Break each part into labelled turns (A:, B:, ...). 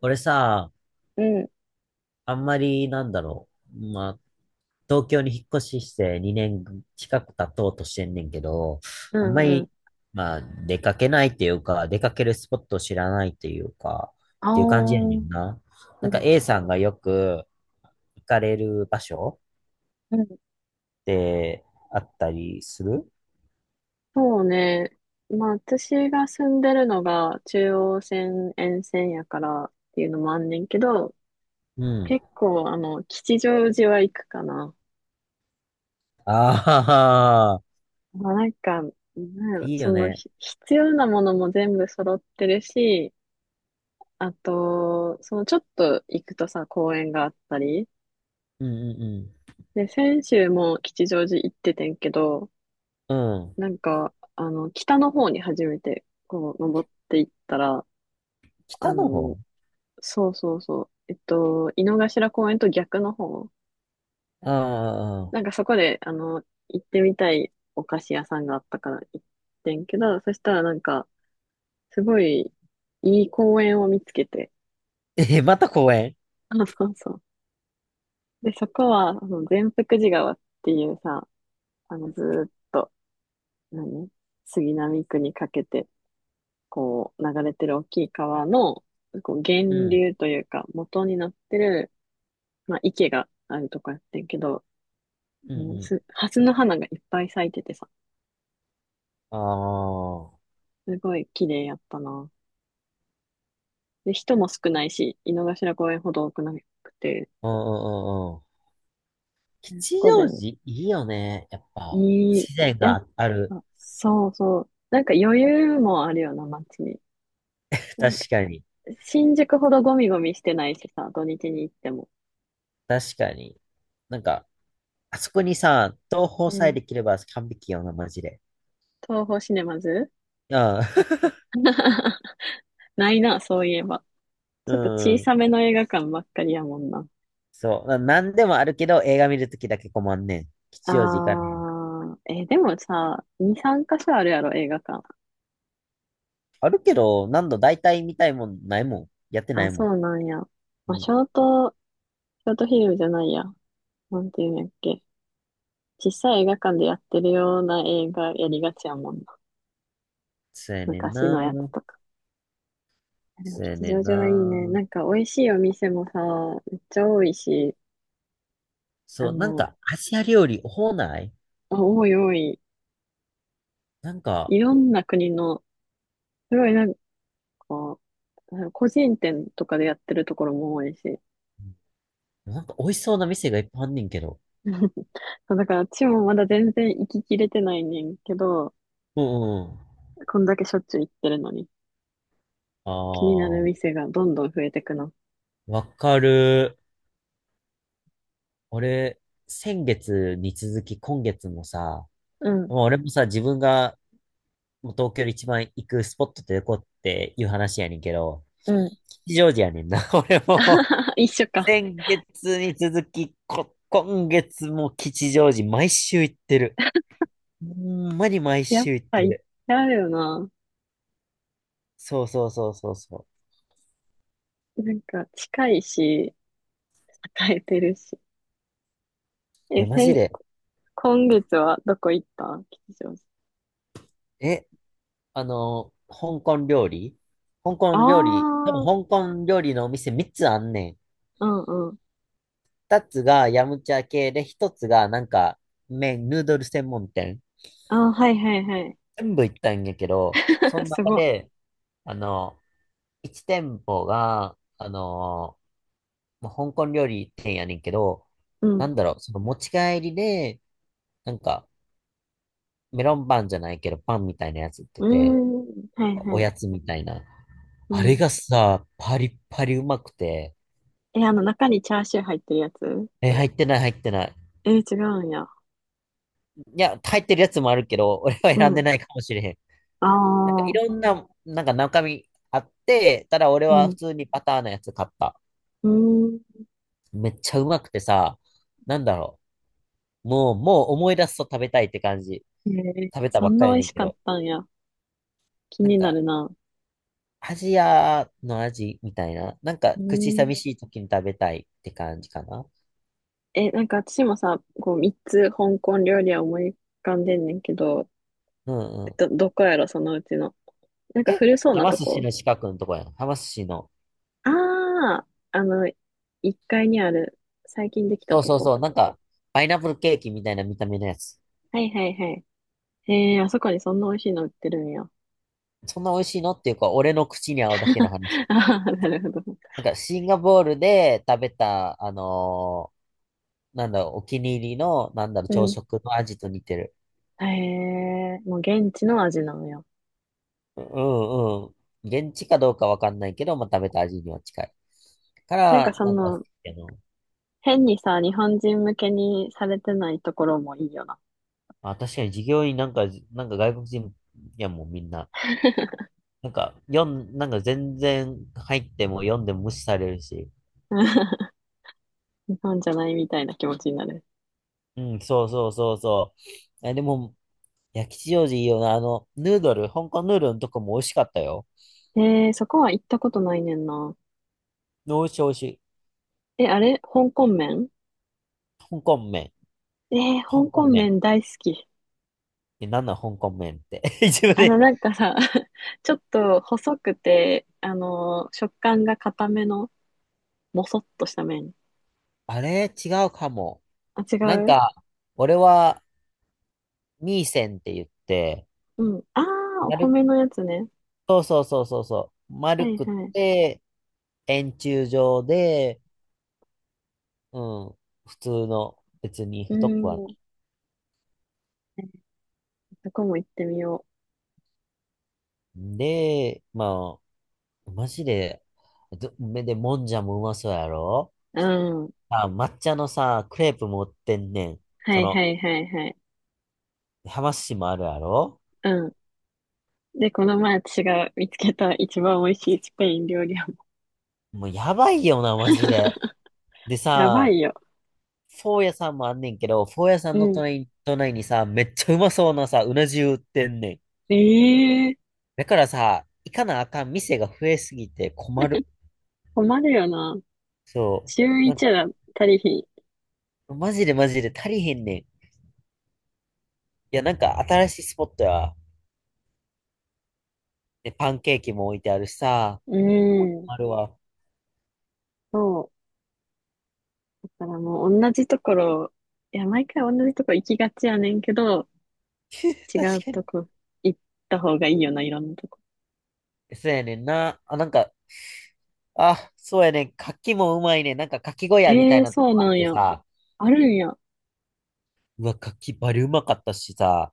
A: 俺さ、
B: うん、
A: あんまりう。まあ、東京に引っ越しして2年近く経とうとしてんねんけど、
B: う
A: あんま
B: ん、うん。
A: り、出かけないっていうか、出かけるスポットを知らないっていうか、
B: あ
A: っ
B: あ、
A: ていう感じやね
B: うん、
A: んな。なんか
B: う
A: A さんがよく行かれる場所
B: ん。
A: ってあったりする？
B: そうね。まあ、私が住んでるのが中央線沿線やからっていうのもあんねんけど、
A: うん。
B: 結構、吉祥寺は行くかな。
A: ああ、
B: まあ、なんか、なんやろ、
A: いい
B: そ
A: よ
B: の、
A: ね。
B: 必要なものも全部揃ってるし、あと、ちょっと行くとさ、公園があったり。
A: うんうん
B: で、先週も吉祥寺行っててんけど、
A: うん。うん。
B: 北の方に初めて、こう、登っていったら、あ
A: 北の方。
B: の、井の頭公園と逆の方、
A: ああー。
B: なんかそこで、行ってみたいお菓子屋さんがあったから行ってんけど、そしたらなんか、すごいいい公園を見つけて、
A: え、また公園？
B: そうそう。で、そこは、善福寺川っていうさ、ずーっと、何杉並区にかけて、こう、流れてる大きい川の、こう、
A: う
B: 源
A: ん。
B: 流というか、元になってる、まあ、池があるとこやってんけど、
A: うん
B: も
A: う
B: うす、
A: ん。
B: の花がいっぱい咲いててさ、
A: ああ、
B: すごい綺麗やったな。で、人も少ないし、井の頭公園ほど多くなくて、
A: うんうんうんうん。
B: そ
A: 吉
B: こで、
A: 祥寺いいよね。やっぱ、
B: いい、
A: 自然
B: やっ
A: がある。
B: ぱ、そうそう。なんか余裕もあるような、街に。なんか、
A: 確かに。
B: 新宿ほどゴミゴミしてないしさ、土日に行っても。
A: 確かに。なんか、あそこにさ、東宝
B: う
A: さえ
B: ん。
A: できれば完璧よな、マジで。
B: 東宝シネマズ。
A: うん。
B: ないな、そういえば。
A: う
B: ちょっと小
A: ん。
B: さめの映画館ばっかりやもんな。
A: そう。なんでもあるけど、映画見るときだけ困んねん。
B: あ
A: 吉祥寺行かねん。
B: ー、えーでもさ、2、3箇所あるやろ、映画館。
A: あるけど、何度大体見たいもんないもん。やってな
B: あ、
A: い
B: そ
A: も
B: う
A: ん。
B: なんや。まあ、
A: うん。
B: ショート、ショートフィルムじゃないや。なんていうんやっけ。小さい映画館でやってるような映画やりがちやもんな。
A: そうやねん
B: 昔のやつ
A: な。
B: とか。でも
A: そうや
B: 吉
A: ねん
B: 祥寺はいい
A: な。
B: ね。なんか美味しいお店もさ、めっちゃ多いし、あ
A: そう、なん
B: の、
A: か、アジア料理多ない？
B: 多い多い。
A: なんか、
B: いろんな国の、すごいなんか、個人店とかでやってるところも多いし。
A: なんか美味しそうな店がいっぱいあんねんけど。
B: そうだから、ちもまだ全然行ききれてないねんけど、
A: うんうん。
B: こんだけしょっちゅう行ってるのに、気になる
A: ああ、
B: 店がどんどん増えてくの。
A: わかる。俺、先月に続き今月もさ、
B: うん、
A: まあ俺もさ、自分がもう東京で一番行くスポットってどこっていう話やねんけど、
B: うん。
A: 吉祥寺やねんな。俺も
B: 一緒か。
A: 先月に続き、今月も吉祥寺毎週行ってる。ほんまに毎
B: やっ
A: 週行っ
B: ぱ
A: て
B: 行っ
A: る。
B: ちゃうよな。
A: そうそうそうそうそう。
B: なんか、近いし、与えてるし。
A: い
B: え、
A: や、マジ
B: 先、
A: で。
B: 今月はどこ行った、吉祥寺。
A: え、あの、香港料理、香
B: あ
A: 港料理、多分
B: あ、
A: 香港料理のお店3つあんねん。
B: うんうん。
A: 2つがヤムチャ系で、1つがなんか麺、ヌードル専門店。
B: ああ、はいはいはい。
A: 全部行ったんやけど、そ の
B: す
A: 中
B: ごい。
A: で、あの、1店舗が、まあ香港料理店やねんけど、
B: うん。
A: その持ち帰りで、なんかメロンパンじゃないけど、パンみたいなやつ売って
B: うー
A: て、
B: ん。はい
A: お
B: はい。
A: やつみたいな。
B: う
A: あれ
B: ん。
A: がさ、パリッパリうまくて、
B: え、あの中にチャーシュー入ってるやつ？
A: え、入ってない、入ってない。
B: え、違うんや。
A: いや、入ってるやつもあるけど、俺は
B: う
A: 選んで
B: ん。
A: ないかもしれへん。
B: あ
A: なんかい
B: あ。
A: ろんな、なんか中身あって、ただ俺
B: う
A: は普
B: ん。
A: 通にパターンのやつ買った。
B: うん。
A: めっちゃうまくてさ、なんだろもう、もう思い出すと食べたいって感じ。
B: へえ、
A: 食べた
B: そ
A: ばっ
B: ん
A: か
B: な
A: りや
B: 美味
A: ねん
B: し
A: け
B: かっ
A: ど。
B: たんや。気
A: なん
B: になる
A: か、
B: な。
A: アジアの味みたいな。なんか、
B: う
A: 口
B: ん。
A: 寂しい時に食べたいって感じかな。
B: え、なんか私もさ、こう、三つ香港料理は思い浮かんでんねんけど、
A: うんうん。
B: ど、どこやろ、そのうちの。なんか
A: え、
B: 古そう
A: は
B: な
A: ま
B: と
A: 寿司
B: こ。
A: の近くのとこやん。はま寿司の。
B: あああ、一階にある、最近できた
A: そう
B: と
A: そう
B: こ
A: そう。
B: か。
A: なんか、パイナップルケーキみたいな見た目のやつ。
B: はいはいはい。へえ、あそこにそんな美味しいの売ってるんや。
A: そんな美味しいのっていうか、俺の口に合うだけの話。
B: ああ、なるほど。
A: なんか、シンガポールで食べた、なんだろう、お気に入りの、なんだろう、
B: う
A: 朝
B: ん。
A: 食の味と似てる。
B: へえ、もう現地の味なのよ。
A: ううんうん。現地かどうかわかんないけど、まあ、食べた味には近い。か
B: なん
A: ら、
B: かそ
A: なんか、
B: の、変にさ、日本人向けにされてないところもいいよな。
A: あ、確かに従業員なんか、なんか外国人やもんみんな。なんか、なんか全然入っても読んでも無視されるし。
B: 日本じゃないみたいな気持ちになる。
A: うん、そうそうそうそう。え、でも、いや、吉祥寺いいよな。あの、ヌードル、香港ヌードルのとこも美味しかったよ。
B: えー、そこは行ったことないねんな。
A: 美味しい美味しい。
B: え、あれ香港麺？
A: 香港麺。
B: えー、
A: 香
B: 香
A: 港
B: 港
A: 麺。
B: 麺大好き。
A: え、なんなん香港麺って。自分で。
B: なんかさ、ちょっと細くて、食感が固めの、もそっとした麺。
A: あれ違うかも。
B: あ、違
A: なん
B: う。
A: か、俺は、ミーセンって言って、
B: うん。あー、お
A: 丸、
B: 米のやつね。
A: そうそうそうそうそう。
B: は
A: 丸
B: い
A: くっ
B: はい。
A: て、円柱状で、うん、普通の、別に
B: うー
A: 太くはな
B: ん。そこも行ってみよ
A: い。で、まあ、マジで、ど、めで、もんじゃもうまそうやろ？
B: う。うん。
A: あ、抹茶のさ、クレープ持ってんねん。
B: は
A: そ
B: いは
A: の、
B: いはいはい。
A: 浜市もあるやろ？
B: うん。で、この前私が見つけた一番美味しいスペイン料理屋も。
A: もうやばいよな、マジで。で
B: やば
A: さ、
B: いよ。
A: フォー屋さんもあんねんけど、フォー屋さ
B: う
A: んの
B: ん。
A: 隣に、隣にさ、めっちゃうまそうなさ、うな重売ってんねん。
B: ええー、
A: だからさ、行かなあかん店が増えすぎて困る。
B: 困るよな。
A: そ
B: 週
A: う。なん
B: 一
A: か、
B: だったりひ
A: マジでマジで足りへんねん。いや、なんか新しいスポットや。で、パンケーキも置いてあるしさ、
B: う
A: もう
B: ん。
A: あるわ。
B: そう。だからもう同じところ、いや、毎回同じとこ行きがちやねんけど、違う
A: 確か
B: と
A: に。
B: こ行った方がいいよな、いろんなとこ。
A: そうやねんな。あ、なんか、あ、そうやねん。柿もうまいねん。なんか柿小屋みた
B: ええ
A: い
B: ー、
A: なと
B: そう
A: こ
B: な
A: あっ
B: ん
A: て
B: や。
A: さ、
B: あるんや。
A: うわ、柿バリうまかったしさ。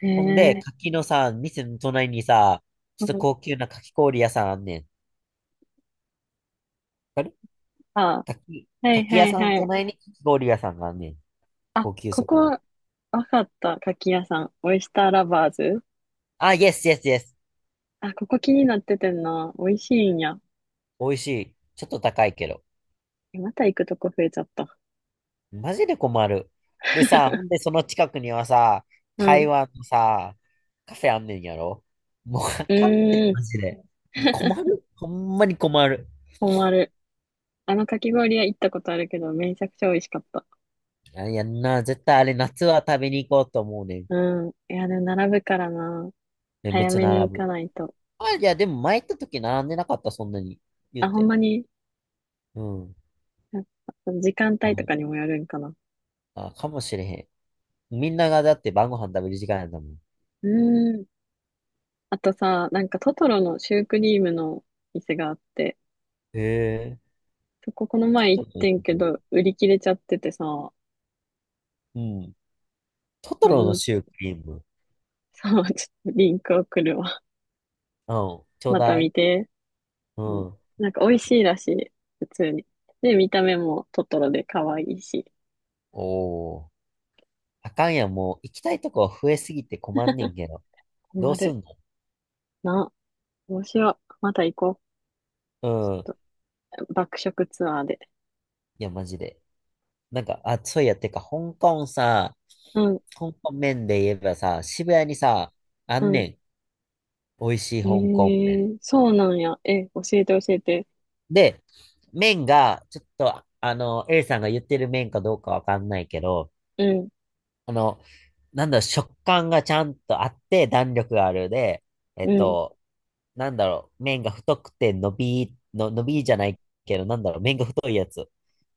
B: へ
A: ほんで、
B: え。
A: 柿のさ、店の隣にさ、ち
B: う
A: ょっと
B: ん。
A: 高級な柿氷屋さんあんねん。わかる？
B: あ、
A: 柿、
B: はい
A: 柿
B: は
A: 屋
B: い
A: さんの
B: はい。
A: 隣に柿氷屋さんがあんねん。
B: あ、
A: 高級
B: こ
A: そうな。
B: こ、わかった。牡蠣屋さん。オイスターラバーズ。
A: あ、イエスイエスイエス。
B: あ、ここ気になっててんな。美味しいんや。
A: 美味しい。ちょっと高いけど。
B: え、また行くとこ増えちゃった。
A: マジで困る。でさ、ほんでその近くにはさ、
B: う
A: 台
B: ん。
A: 湾のさ、カフェあんねんやろ？もうあ
B: う
A: かんって、
B: ーん。
A: マジで。困る。ほんまに困る。
B: 困る。あのかき氷屋行ったことあるけど、めちゃくちゃ美味しかった。
A: あいやんな、絶対あれ夏は食べに行こうと思うねん。え、
B: うん。いや、でも並ぶからな。
A: めっ
B: 早
A: ちゃ
B: めに
A: 並
B: 行
A: ぶ。
B: かないと。
A: あ、いや、でも前行った時並んでなかった、そんなに。言う
B: あ、ほん
A: て。
B: まに、
A: うん。
B: やっぱ時間
A: あ、
B: 帯と
A: もう、
B: かにもよるんかな。
A: あ、かもしれへん。みんながだって晩ご飯食べる時間やんだもん。
B: うーん。あとさ、なんかトトロのシュークリームの店があって、
A: へえ。
B: そここの前行
A: ト
B: っ
A: トロの
B: て
A: シ
B: んけど、売り切れちゃっててさ、
A: ュークリーム。うん。トト
B: リ
A: ロの
B: ン、
A: シュークリーム。
B: さ、ちょっとリンク送るわ。
A: うんちょう
B: また
A: だい。
B: 見て。
A: う
B: うん。
A: ん。
B: なんか美味しいらしい。普通に。で、見た目もトトロで可愛いし。
A: おお。あかんやん、もう行きたいとこ増えすぎて困んねんけど。ど
B: 困
A: うす
B: る
A: んの？
B: な。どうしよう。また行こう。
A: うん。
B: と爆食ツアーで。
A: いや、マジで。なんか、あ、そういや、てか、香港さ、
B: うん、
A: 香港麺で言えばさ、渋谷にさ、あ
B: う
A: ん
B: ん。
A: ねん。美味しい
B: え
A: 香港麺。
B: ー、そうなんや。え、教えて教えて。
A: で、麺が、ちょっと、A さんが言ってる麺かどうかわかんないけど、
B: うん、
A: あの、なんだろう、食感がちゃんとあって、弾力があるで、え
B: う
A: っ
B: ん。
A: と、なんだろう、麺が太くて伸び、の、伸びじゃないけど、なんだろう、麺が太いやつ。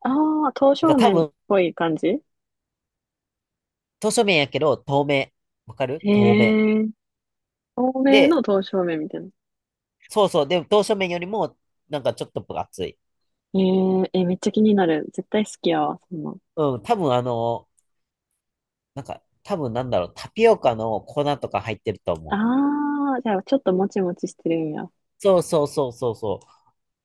B: ああ、刀
A: なんか
B: 削
A: 多
B: 麺っ
A: 分、
B: ぽい感じ。へ
A: 刀削麺やけど、透明。わか
B: え
A: る透明。
B: ー、透明の
A: で、
B: 刀削麺みたいな。
A: そうそう、でも刀削麺よりも、なんかちょっと分厚い。
B: えー、え、めっちゃ気になる。絶対好きやわ、そんなん。
A: うん、多分あの、なんか、多分なんだろう、タピオカの粉とか入ってると思う。
B: ああ、じゃあちょっともちもちしてるんや。
A: そうそうそうそうそ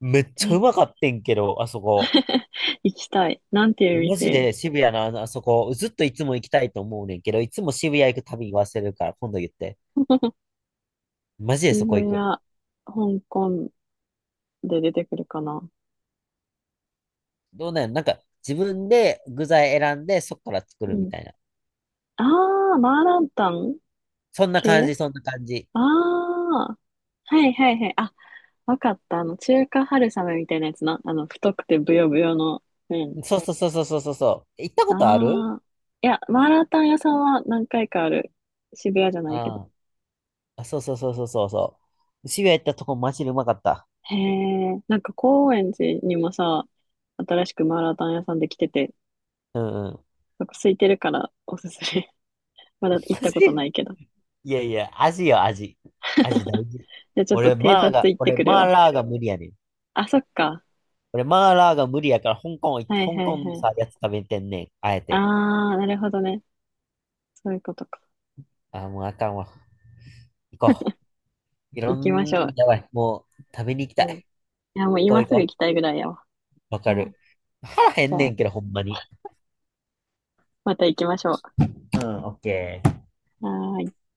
A: う。めっちゃう
B: え、
A: まかってんけど、あそこ。
B: 行きたい。なんていう
A: マジ
B: 店？
A: で渋谷のあの、あそこ、ずっといつも行きたいと思うねんけど、いつも渋谷行くたびに忘れるから、今度言って。マジでそ
B: 渋
A: こ行
B: 谷、
A: く。
B: 香港で出てくるかな。
A: どうなんや？なんか、自分で具材選んで、そこから作
B: う
A: るみ
B: ん。
A: たいな。
B: あー、マーランタン
A: そんな感
B: 系。
A: じ、そんな感じ。
B: あー、はいはいはい。あ、わかった。中華春雨みたいなやつな。太くてブヨブヨの麺。
A: そうそうそうそうそうそうそう。行ったことある？
B: あー。いや、マーランタン屋さんは何回かある。渋谷じゃないけど。
A: ああ、あそうそうそうそうそうそう。渋谷行ったとこ、マジでうまかった。
B: へえ、なんか高円寺にもさ、新しくマーラータン屋さんできてて、
A: うんうん。
B: なんか空いてるからおすすめ。まだ行っ
A: マ
B: た
A: ジ
B: ことな
A: で
B: いけど。
A: いやいや、味よ、味。味大事。
B: じゃあちょっと偵察行って
A: 俺、
B: くる
A: マー
B: わ。
A: ラーが無理やねん。
B: あ、そっか。
A: 俺、マーラーが無理やから、香港行って、
B: はいは
A: 香
B: い
A: 港の
B: はい。
A: さ、やつ食べてんねん。あえ
B: あ
A: て。
B: あ、なるほどね。そういうことか。
A: あー、もうあかんわ。行こう。いろ
B: 行きましょ
A: ん、やばい。もう、食べに行き
B: う。
A: た
B: うん。
A: い。
B: いや、もう
A: 行こ
B: 今
A: う行
B: すぐ行
A: こ
B: きたいぐらいやわ。
A: う。わか
B: う
A: る。
B: ん。
A: 腹減
B: じ
A: ん
B: ゃ
A: ね
B: あ、
A: んけど、ほんまに。
B: また行きましょ
A: うん、オッケー。
B: う。はーい。